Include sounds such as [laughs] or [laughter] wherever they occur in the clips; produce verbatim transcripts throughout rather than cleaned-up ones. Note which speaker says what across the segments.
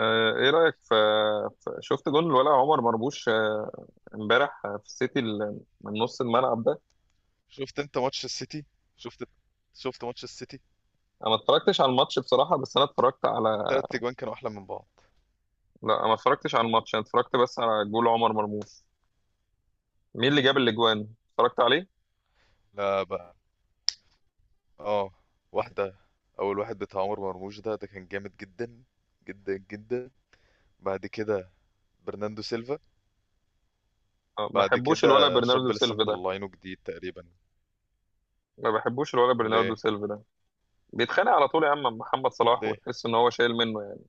Speaker 1: آه، ايه رأيك في، في- شفت جون الولع عمر مرموش، آه، امبارح، آه، في السيتي ال- من نص الملعب ده.
Speaker 2: شفت انت ماتش السيتي؟ شفت شفت ماتش السيتي؟
Speaker 1: انا ما اتفرجتش على الماتش بصراحة، بس انا اتفرجت على...
Speaker 2: التلات اجوان كانوا احلى من بعض.
Speaker 1: لا، أنا ما اتفرجتش على الماتش، انا اتفرجت بس على جول عمر مرموش. مين اللي جاب الاجوان اتفرجت عليه؟
Speaker 2: لا بقى، اه، واحده، اول واحد بتاع عمر مرموش ده ده كان جامد جدا، جدا جدا. بعد كده برناندو سيلفا.
Speaker 1: آه، ما
Speaker 2: بعد
Speaker 1: بحبوش الولع
Speaker 2: كده
Speaker 1: برناردو
Speaker 2: شاب لسه
Speaker 1: سيلفا ده.
Speaker 2: مطلعينه جديد تقريبا.
Speaker 1: ما بحبوش الولع برناردو
Speaker 2: ليه؟
Speaker 1: سيلفا ده، بيتخانق على طول يا عم مع محمد صلاح،
Speaker 2: ليه؟
Speaker 1: وتحس ان هو شايل منه يعني.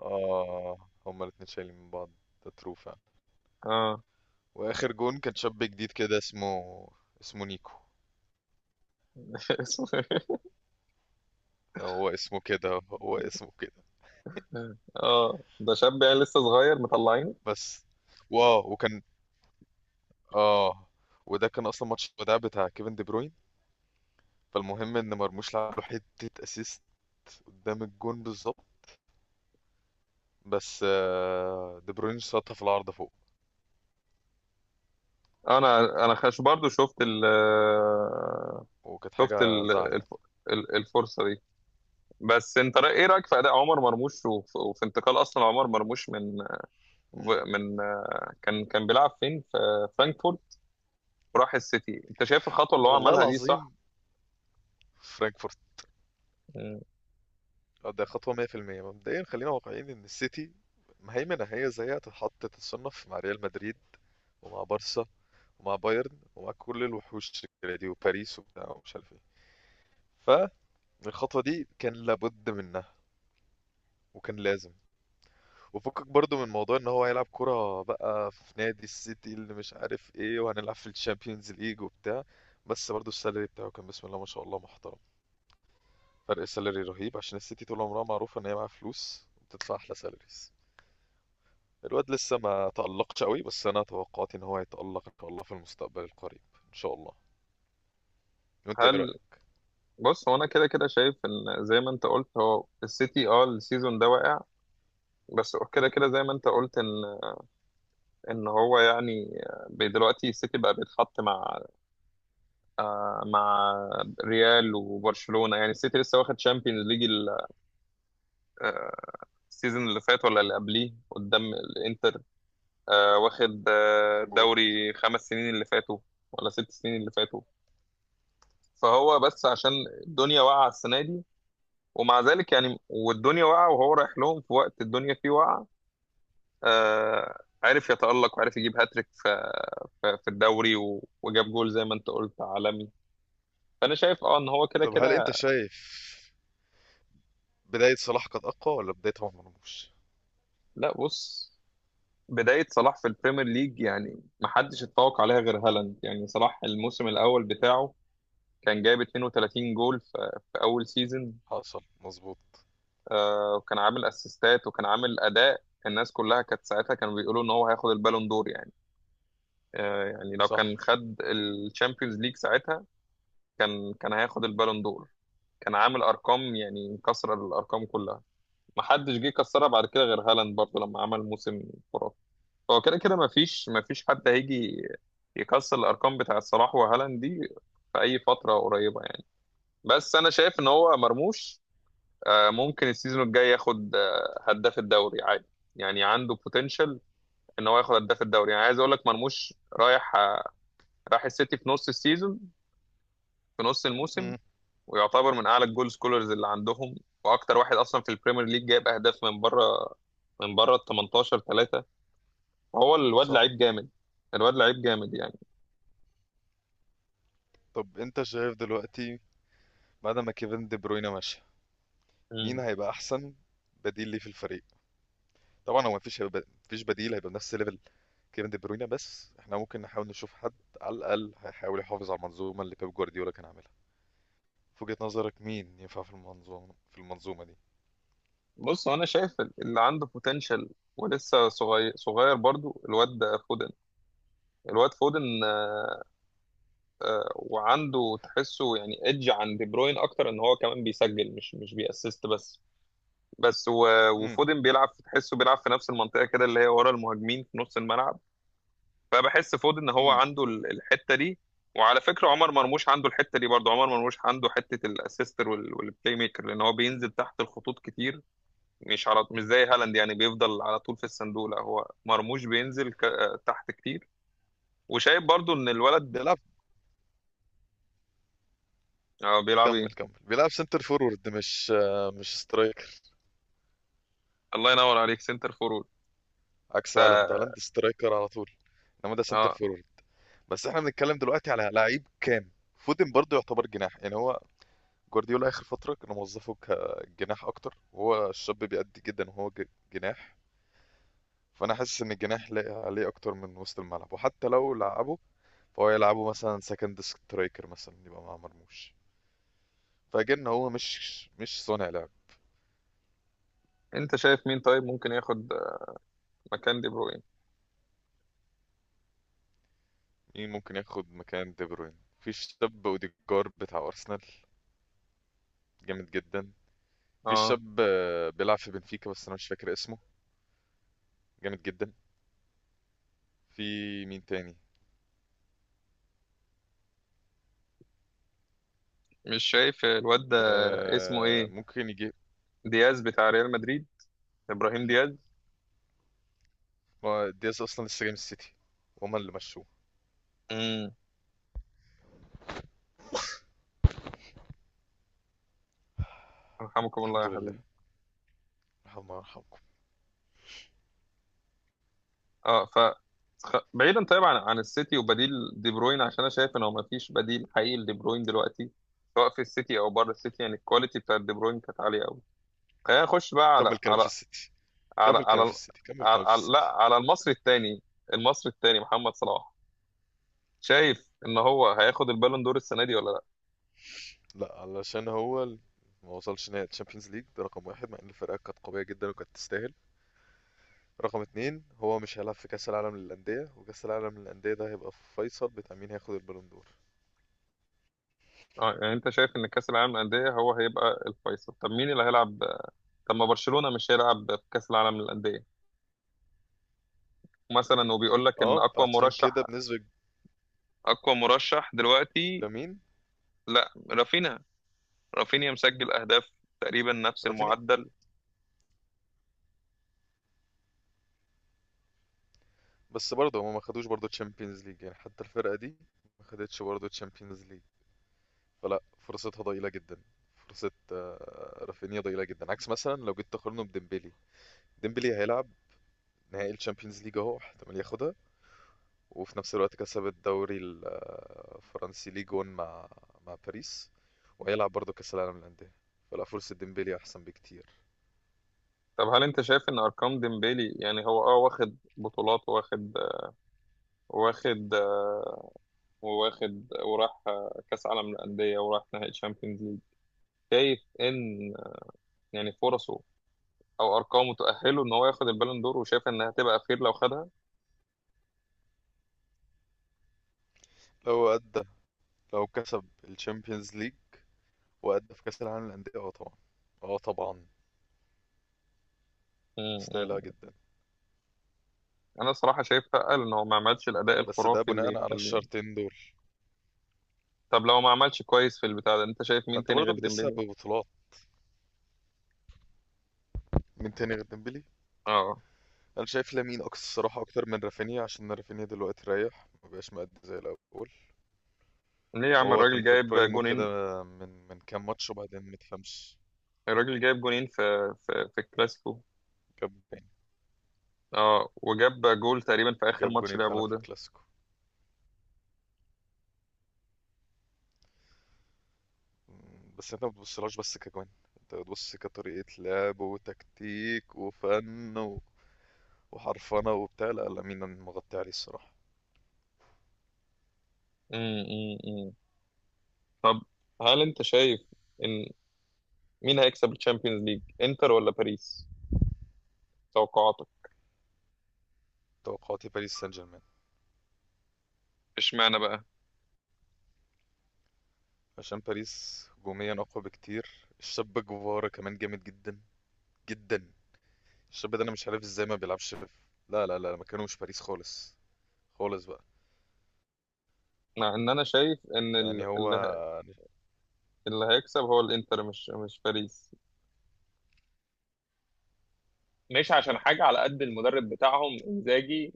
Speaker 2: اه، هما الاتنين شايلين من بعض. ده ترو فعلا.
Speaker 1: اه.
Speaker 2: واخر جون كان شاب جديد كده، اسمه، اسمه نيكو.
Speaker 1: [laughs] اسمه إيه؟
Speaker 2: هو اسمه كده، هو اسمه كده.
Speaker 1: اه، ده شاب يعني لسه صغير مطلعين.
Speaker 2: بس، واو، وكان، اه، وده كان اصلا ماتش الوداع بتاع كيفن دي بروين. فالمهم ان مرموش لعب له حته اسيست قدام الجون بالظبط، بس آه، دي بروين شاطها في العارضه فوق،
Speaker 1: انا انا خش برضو شفت ال آه،
Speaker 2: وكانت
Speaker 1: شفت
Speaker 2: حاجه
Speaker 1: ال-
Speaker 2: زعل يعني.
Speaker 1: الف- ال- الفرصه دي. بس انت، رأي- ايه رايك في اداء عمر مرموش وف- وفي انتقال اصلا عمر مرموش من...
Speaker 2: مم.
Speaker 1: من، كان كان بيلعب فين في فرانكفورت وراح السيتي؟ انت شايف الخطوه اللي هو
Speaker 2: والله
Speaker 1: عملها دي صح؟
Speaker 2: العظيم، فرانكفورت؟
Speaker 1: مم.
Speaker 2: آه، ده خطوه مية في المية. مبدئيا خلينا واقعيين ان السيتي مهيمنه، هي زيها تتحط، تتصنف مع ريال مدريد، ومع بارسا، ومع بايرن، ومع كل الوحوش الكبيرة دي، وباريس، وبتاع ومش عارف ايه. فالخطوه دي كان لابد منها وكان لازم، وفكك برضو من موضوع ان هو هيلعب كرة بقى في نادي السيتي اللي مش عارف ايه، وهنلعب في الشامبيونز ليج وبتاع. بس برضو السالري بتاعه كان بسم الله ما شاء الله محترم. فرق السالري رهيب، عشان السيتي طول عمرها معروفة ان هي معاها فلوس وبتدفع احلى سالاريز. الواد لسه ما تألقش قوي، بس انا توقعاتي ان هو هيتألق ان شاء الله في المستقبل القريب. ان شاء الله. وانت ايه
Speaker 1: هل
Speaker 2: رأيك؟
Speaker 1: بص، هو انا كده كده شايف ان زي ما انت قلت هو السيتي، اه، السيزون ده واقع. بس هو كده كده زي ما انت قلت ان، ان هو يعني... ب- دلوقتي السيتي بقى بيتحط مع، آه، مع ريال وبرشلونه. يعني السيتي لسه واخد شامبيونز ليج السيزون اللي فات، ولا اللي قبليه، قدام الانتر. آه، واخد، آه،
Speaker 2: مظبوط.
Speaker 1: دوري خمس سنين اللي فاتوا، ولا ست سنين اللي فاتوا. فهو بس عشان الدنيا واقعة السنة دي، ومع ذلك يعني، والدنيا واقعة وهو رايح لهم في وقت الدنيا فيه واقعة، آه، عرف يتألق، وعرف يجيب هاتريك في, في, في الدوري، و- وجاب جول زي ما انت قلت عالمي. فأنا شايف، اه، ان هو كده
Speaker 2: طب هل انت
Speaker 1: كده.
Speaker 2: شايف بداية صلاح كانت اقوى ولا بداية عمر مرموش؟
Speaker 1: لا، بص، بداية صلاح في البريمير ليج يعني محدش اتفوق عليها غير هالاند. يعني صلاح الموسم الأول بتاعه كان جايب اتنين وتلاتين جول في, في اول سيزون،
Speaker 2: حصل، مظبوط.
Speaker 1: آه، وكان عامل اسيستات، وكان عامل اداء. الناس كلها كانت ساعتها كانوا بيقولوا ان هو هياخد البالون دور يعني. آه، يعني لو
Speaker 2: صح.
Speaker 1: كان خد الشامبيونز ليج ساعتها، كان كان هياخد البالون دور. كان عامل ارقام يعني مكسر الارقام كلها. ما حدش جه كسرها بعد كده غير هالاند برضه لما عمل موسم خرافي. هو كده كده ما فيش ما فيش حد هيجي يكسر الارقام بتاع صلاح وهالاند دي في اي فتره قريبه يعني. بس انا شايف ان هو مرموش، آه، ممكن السيزون الجاي ياخد، آه، هداف الدوري عادي. يعني عنده بوتنشال ان هو ياخد هداف الدوري. يعني عايز اقول لك مرموش رايح، آه، راح السيتي في نص السيزون، في نص الموسم.
Speaker 2: مم.
Speaker 1: ويعتبر من اعلى الجول سكولرز اللي عندهم، واكتر واحد اصلا في البريمير ليج جايب اهداف من بره، من بره ال التمنتاشر ثلاثة. فهو الواد
Speaker 2: صح.
Speaker 1: لعيب جامد. الواد لعيب جامد يعني.
Speaker 2: طب انت شايف دلوقتي، بعد ما كيفن دي بروينا ماشي، مين
Speaker 1: مم.
Speaker 2: هيبقى احسن بديل ليه في الفريق؟ طبعا هو مفيش، هيبقى مفيش بديل، هيبقى بنفس ليفل كيفن دي بروينا، بس احنا ممكن نحاول نشوف حد على الاقل هيحاول يحافظ على المنظومه اللي بيب جوارديولا كان عاملها. في وجهة نظرك مين ينفع في المنظومه، في المنظومه دي؟
Speaker 1: بص، هو انا شايف اللي عنده بوتنشال ولسه صغير صغير برضو الواد، فودن. الواد فودن، وعنده، تحسه يعني ايدج عن دي بروين اكتر، ان هو كمان بيسجل، مش مش بيأسست بس. بس و-
Speaker 2: امم.
Speaker 1: وفودن بيلعب، تحسه بيلعب في نفس المنطقه كده اللي هي ورا المهاجمين في نص الملعب. فبحس فودن ان هو
Speaker 2: امم.
Speaker 1: عنده ال- الحته دي. وعلى فكره عمر مرموش عنده الحته دي برضه. عمر مرموش عنده حته الاسيستر وال- والبلاي ميكر، لان هو بينزل تحت الخطوط كتير. مش على مش زي هالاند يعني بيفضل على طول في الصندوق، لا، هو مرموش بينزل، ك- آه، تحت كتير. وشايف برضه ان الولد،
Speaker 2: بيلعب.
Speaker 1: آه، بيلعب
Speaker 2: كمل
Speaker 1: ايه.
Speaker 2: كمل، بيلعب سنتر فورورد، مش آه، مش سترايكر.
Speaker 1: الله ينور عليك، سنتر فورورد.
Speaker 2: عكس هالاند، هالاند سترايكر على طول، انما ده سنتر
Speaker 1: اه.
Speaker 2: فورورد. بس احنا بنتكلم دلوقتي على لعيب كام؟ فودن برضه يعتبر جناح، يعني هو جوارديولا اخر فتره كانوا موظفه كجناح اكتر، وهو الشاب بيأدي جدا وهو ج- جناح. فانا حاسس ان الجناح لاقي عليه اكتر من وسط الملعب، وحتى لو لعبه فهو يلعبه مثلا سكند سترايكر مثلا، يبقى مع مرموش، فاجن هو مش مش صانع لعب.
Speaker 1: انت شايف مين طيب ممكن ياخد مكان دي بروين؟
Speaker 2: مين ممكن ياخد مكان دي بروين؟ في الشاب اوديجار بتاع ارسنال، جامد جدا. في
Speaker 1: اه.
Speaker 2: الشاب آه، بيلعب في بنفيكا بس انا مش فاكر اسمه، جامد جدا. في، مين تاني؟
Speaker 1: مش شايف الواد ده؟ اسمه
Speaker 2: آه
Speaker 1: ايه؟
Speaker 2: ممكن يجي.
Speaker 1: دياز بتاع ريال مدريد، ابراهيم دياز.
Speaker 2: ما دياز اصلا لسه جاي من السيتي وهما اللي مشوه.
Speaker 1: امم. رحمكم الله
Speaker 2: الحمد
Speaker 1: يا
Speaker 2: لله،
Speaker 1: حبيبي.
Speaker 2: رحمة يرحمكم.
Speaker 1: اه، ف خ- بعيدا طيب عن، عن السيتي وبديل دي بروين، عشان انا شايف ان هو ما فيش بديل حقيقي لدي بروين دلوقتي، سواء في السيتي او بره السيتي. يعني الكواليتي بتاع دي بروين كانت عاليه قوي. خلينا نخش بقى على
Speaker 2: كمل كلام في
Speaker 1: على
Speaker 2: السيتي،
Speaker 1: على
Speaker 2: كمل
Speaker 1: على,
Speaker 2: كلام في
Speaker 1: ال-
Speaker 2: السيتي، كمل
Speaker 1: على,
Speaker 2: كلام في
Speaker 1: على لا،
Speaker 2: السيتي.
Speaker 1: على المصري الثاني. المصري الثاني محمد صلاح، شايف ان هو هياخد البالون دور السنه دي ولا لا؟
Speaker 2: لا، علشان هو ال- ما وصلش نهائي الشامبيونز ليج، ده رقم واحد، مع ان الفرقه كانت قويه جدا وكانت تستاهل. رقم اتنين، هو مش هيلعب في كاس العالم للانديه، وكاس العالم للانديه ده هيبقى فيصل بتاع مين هياخد البالون دور.
Speaker 1: اه، يعني انت شايف ان كاس العالم للانديه هو هيبقى الفيصل. طب مين اللي هيلعب؟ طب ما برشلونه مش هيلعب في كاس العالم للانديه مثلا؟ وبيقول لك ان
Speaker 2: اه
Speaker 1: اقوى
Speaker 2: فعشان كده
Speaker 1: مرشح،
Speaker 2: بنسبه
Speaker 1: اقوى مرشح دلوقتي،
Speaker 2: لمين؟
Speaker 1: لا، رافينيا. رافينيا مسجل اهداف تقريبا نفس
Speaker 2: رافينيا؟
Speaker 1: المعدل.
Speaker 2: بس برضه هما ما خدوش برضه تشامبيونز ليج، يعني حتى الفرقه دي ما خدتش برضه تشامبيونز ليج، فلا فرصتها ضئيلة جدا. فرصة آه، رافينيا ضئيلة جدا، عكس مثلا لو جيت تقارنه بديمبلي. ديمبلي هيلعب نهائي الشامبيونز ليج، اهو احتمال ياخدها، وفي نفس الوقت كسب الدوري ال- آه، الفرنسي ليج واحد مع مع باريس، وهيلعب برضه كأس العالم للأندية، فلا فرصة ديمبلي أحسن بكتير.
Speaker 1: طب هل انت شايف ان ارقام ديمبيلي يعني هو، اه، واخد بطولات، واخد واخد واخد، وراح كاس عالم للانديه، وراح نهائي تشامبيونز ليج؟ شايف ان يعني فرصه، او ارقامه تؤهله ان هو ياخد البالون دور؟ وشايف انها هتبقى خير لو خدها؟
Speaker 2: لو أدى، لو كسب الشامبيونز ليج وأدى في كأس العالم للأندية، اه طبعا، اه طبعا،
Speaker 1: مم. مم.
Speaker 2: يستاهلها جدا.
Speaker 1: انا الصراحه شايف اتقل ان هو ما عملش الاداء
Speaker 2: بس ده
Speaker 1: الخرافي اللي
Speaker 2: بناء على
Speaker 1: يخليه.
Speaker 2: الشرطين دول.
Speaker 1: طب لو ما عملش كويس في البتاع ده انت شايف
Speaker 2: ما
Speaker 1: مين
Speaker 2: انت
Speaker 1: تاني
Speaker 2: برضه
Speaker 1: غير
Speaker 2: بتقيسها
Speaker 1: ديمبلي؟
Speaker 2: ببطولات. مين تاني غير ديمبلي؟
Speaker 1: اه.
Speaker 2: انا شايف لامين اكتر الصراحه، اكتر من رافينيا، عشان رافينيا دلوقتي رايح مبقاش مأدي زي الاول.
Speaker 1: ليه يا عم؟
Speaker 2: هو كان
Speaker 1: الراجل
Speaker 2: في
Speaker 1: جايب
Speaker 2: برايمو كده،
Speaker 1: جونين.
Speaker 2: من من كام ماتش، وبعدين متفهمش.
Speaker 1: الراجل جايب جونين في في في الكلاسيكو.
Speaker 2: جاب جولين.
Speaker 1: اه، وجاب جول تقريبا في اخر
Speaker 2: جاب
Speaker 1: ماتش
Speaker 2: جولين فعلا
Speaker 1: لعبوه
Speaker 2: في
Speaker 1: ده.
Speaker 2: الكلاسيكو. مم، بس انت ما بتبصلهاش بس كجوان، انت بتبص كطريقه لعب وتكتيك وفن و- وحرفنه وبتاع. لا لامين أنا مغطي عليه الصراحه.
Speaker 1: مم. مم. مم. طب هل انت شايف ان مين هيكسب الشامبيونز ليج، انتر ولا باريس؟ توقعاتك؟
Speaker 2: توقعاتي باريس سان جيرمان.
Speaker 1: اشمعنى بقى؟
Speaker 2: عشان باريس هجوميا اقوى بكتير. الشاب جوفارا كمان جامد جدا، جدا. الشاب ده انا مش عارف ازاي ما بيلعبش في... لا لا لا، مكانه مش باريس خالص، خالص بقى.
Speaker 1: مع ان انا شايف ان
Speaker 2: يعني
Speaker 1: ال-
Speaker 2: هو،
Speaker 1: اللي اللي هيكسب هو الانتر، مش مش باريس. مش عشان
Speaker 2: لا.
Speaker 1: حاجه، على قد المدرب بتاعهم انزاجي،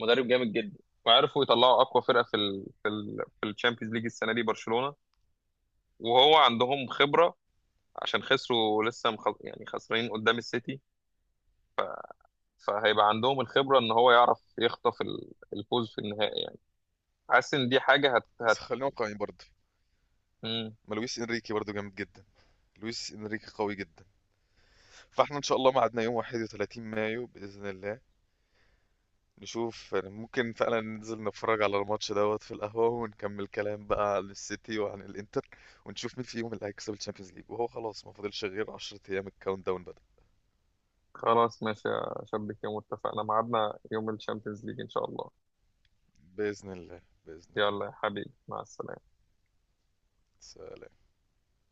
Speaker 1: مدرب جامد جدا. وعرفوا يطلعوا اقوى فرقه في ال في ال في الشامبيونز ليج السنه دي، برشلونه. وهو عندهم خبره، عشان خسروا لسه مخ... يعني خسرانين قدام السيتي. فهيبقى عندهم الخبره ان هو يعرف يخطف ال- الفوز في النهائي يعني. حاسس ان دي حاجه هت,
Speaker 2: بس
Speaker 1: هت...
Speaker 2: خلينا واقعيين برضه،
Speaker 1: مم.
Speaker 2: ما لويس انريكي برضه جامد جدا، لويس انريكي قوي جدا. فاحنا ان شاء الله ميعادنا يوم واحد وتلاتين مايو باذن الله، نشوف يعني، ممكن فعلا ننزل نتفرج على الماتش دوت في القهوة ونكمل كلام بقى عن السيتي وعن الانتر، ونشوف مين فيهم اللي هيكسب الشامبيونز ليج. وهو خلاص ما فاضلش غير عشر ايام، الكاونت داون بدأ.
Speaker 1: خلاص، ماشي يا شبك. يوم اتفقنا ميعادنا يوم الشامبيونز ليج ان شاء الله.
Speaker 2: بإذن الله، بإذن الله.
Speaker 1: يلا يا حبيبي، مع السلامه.
Speaker 2: سلام.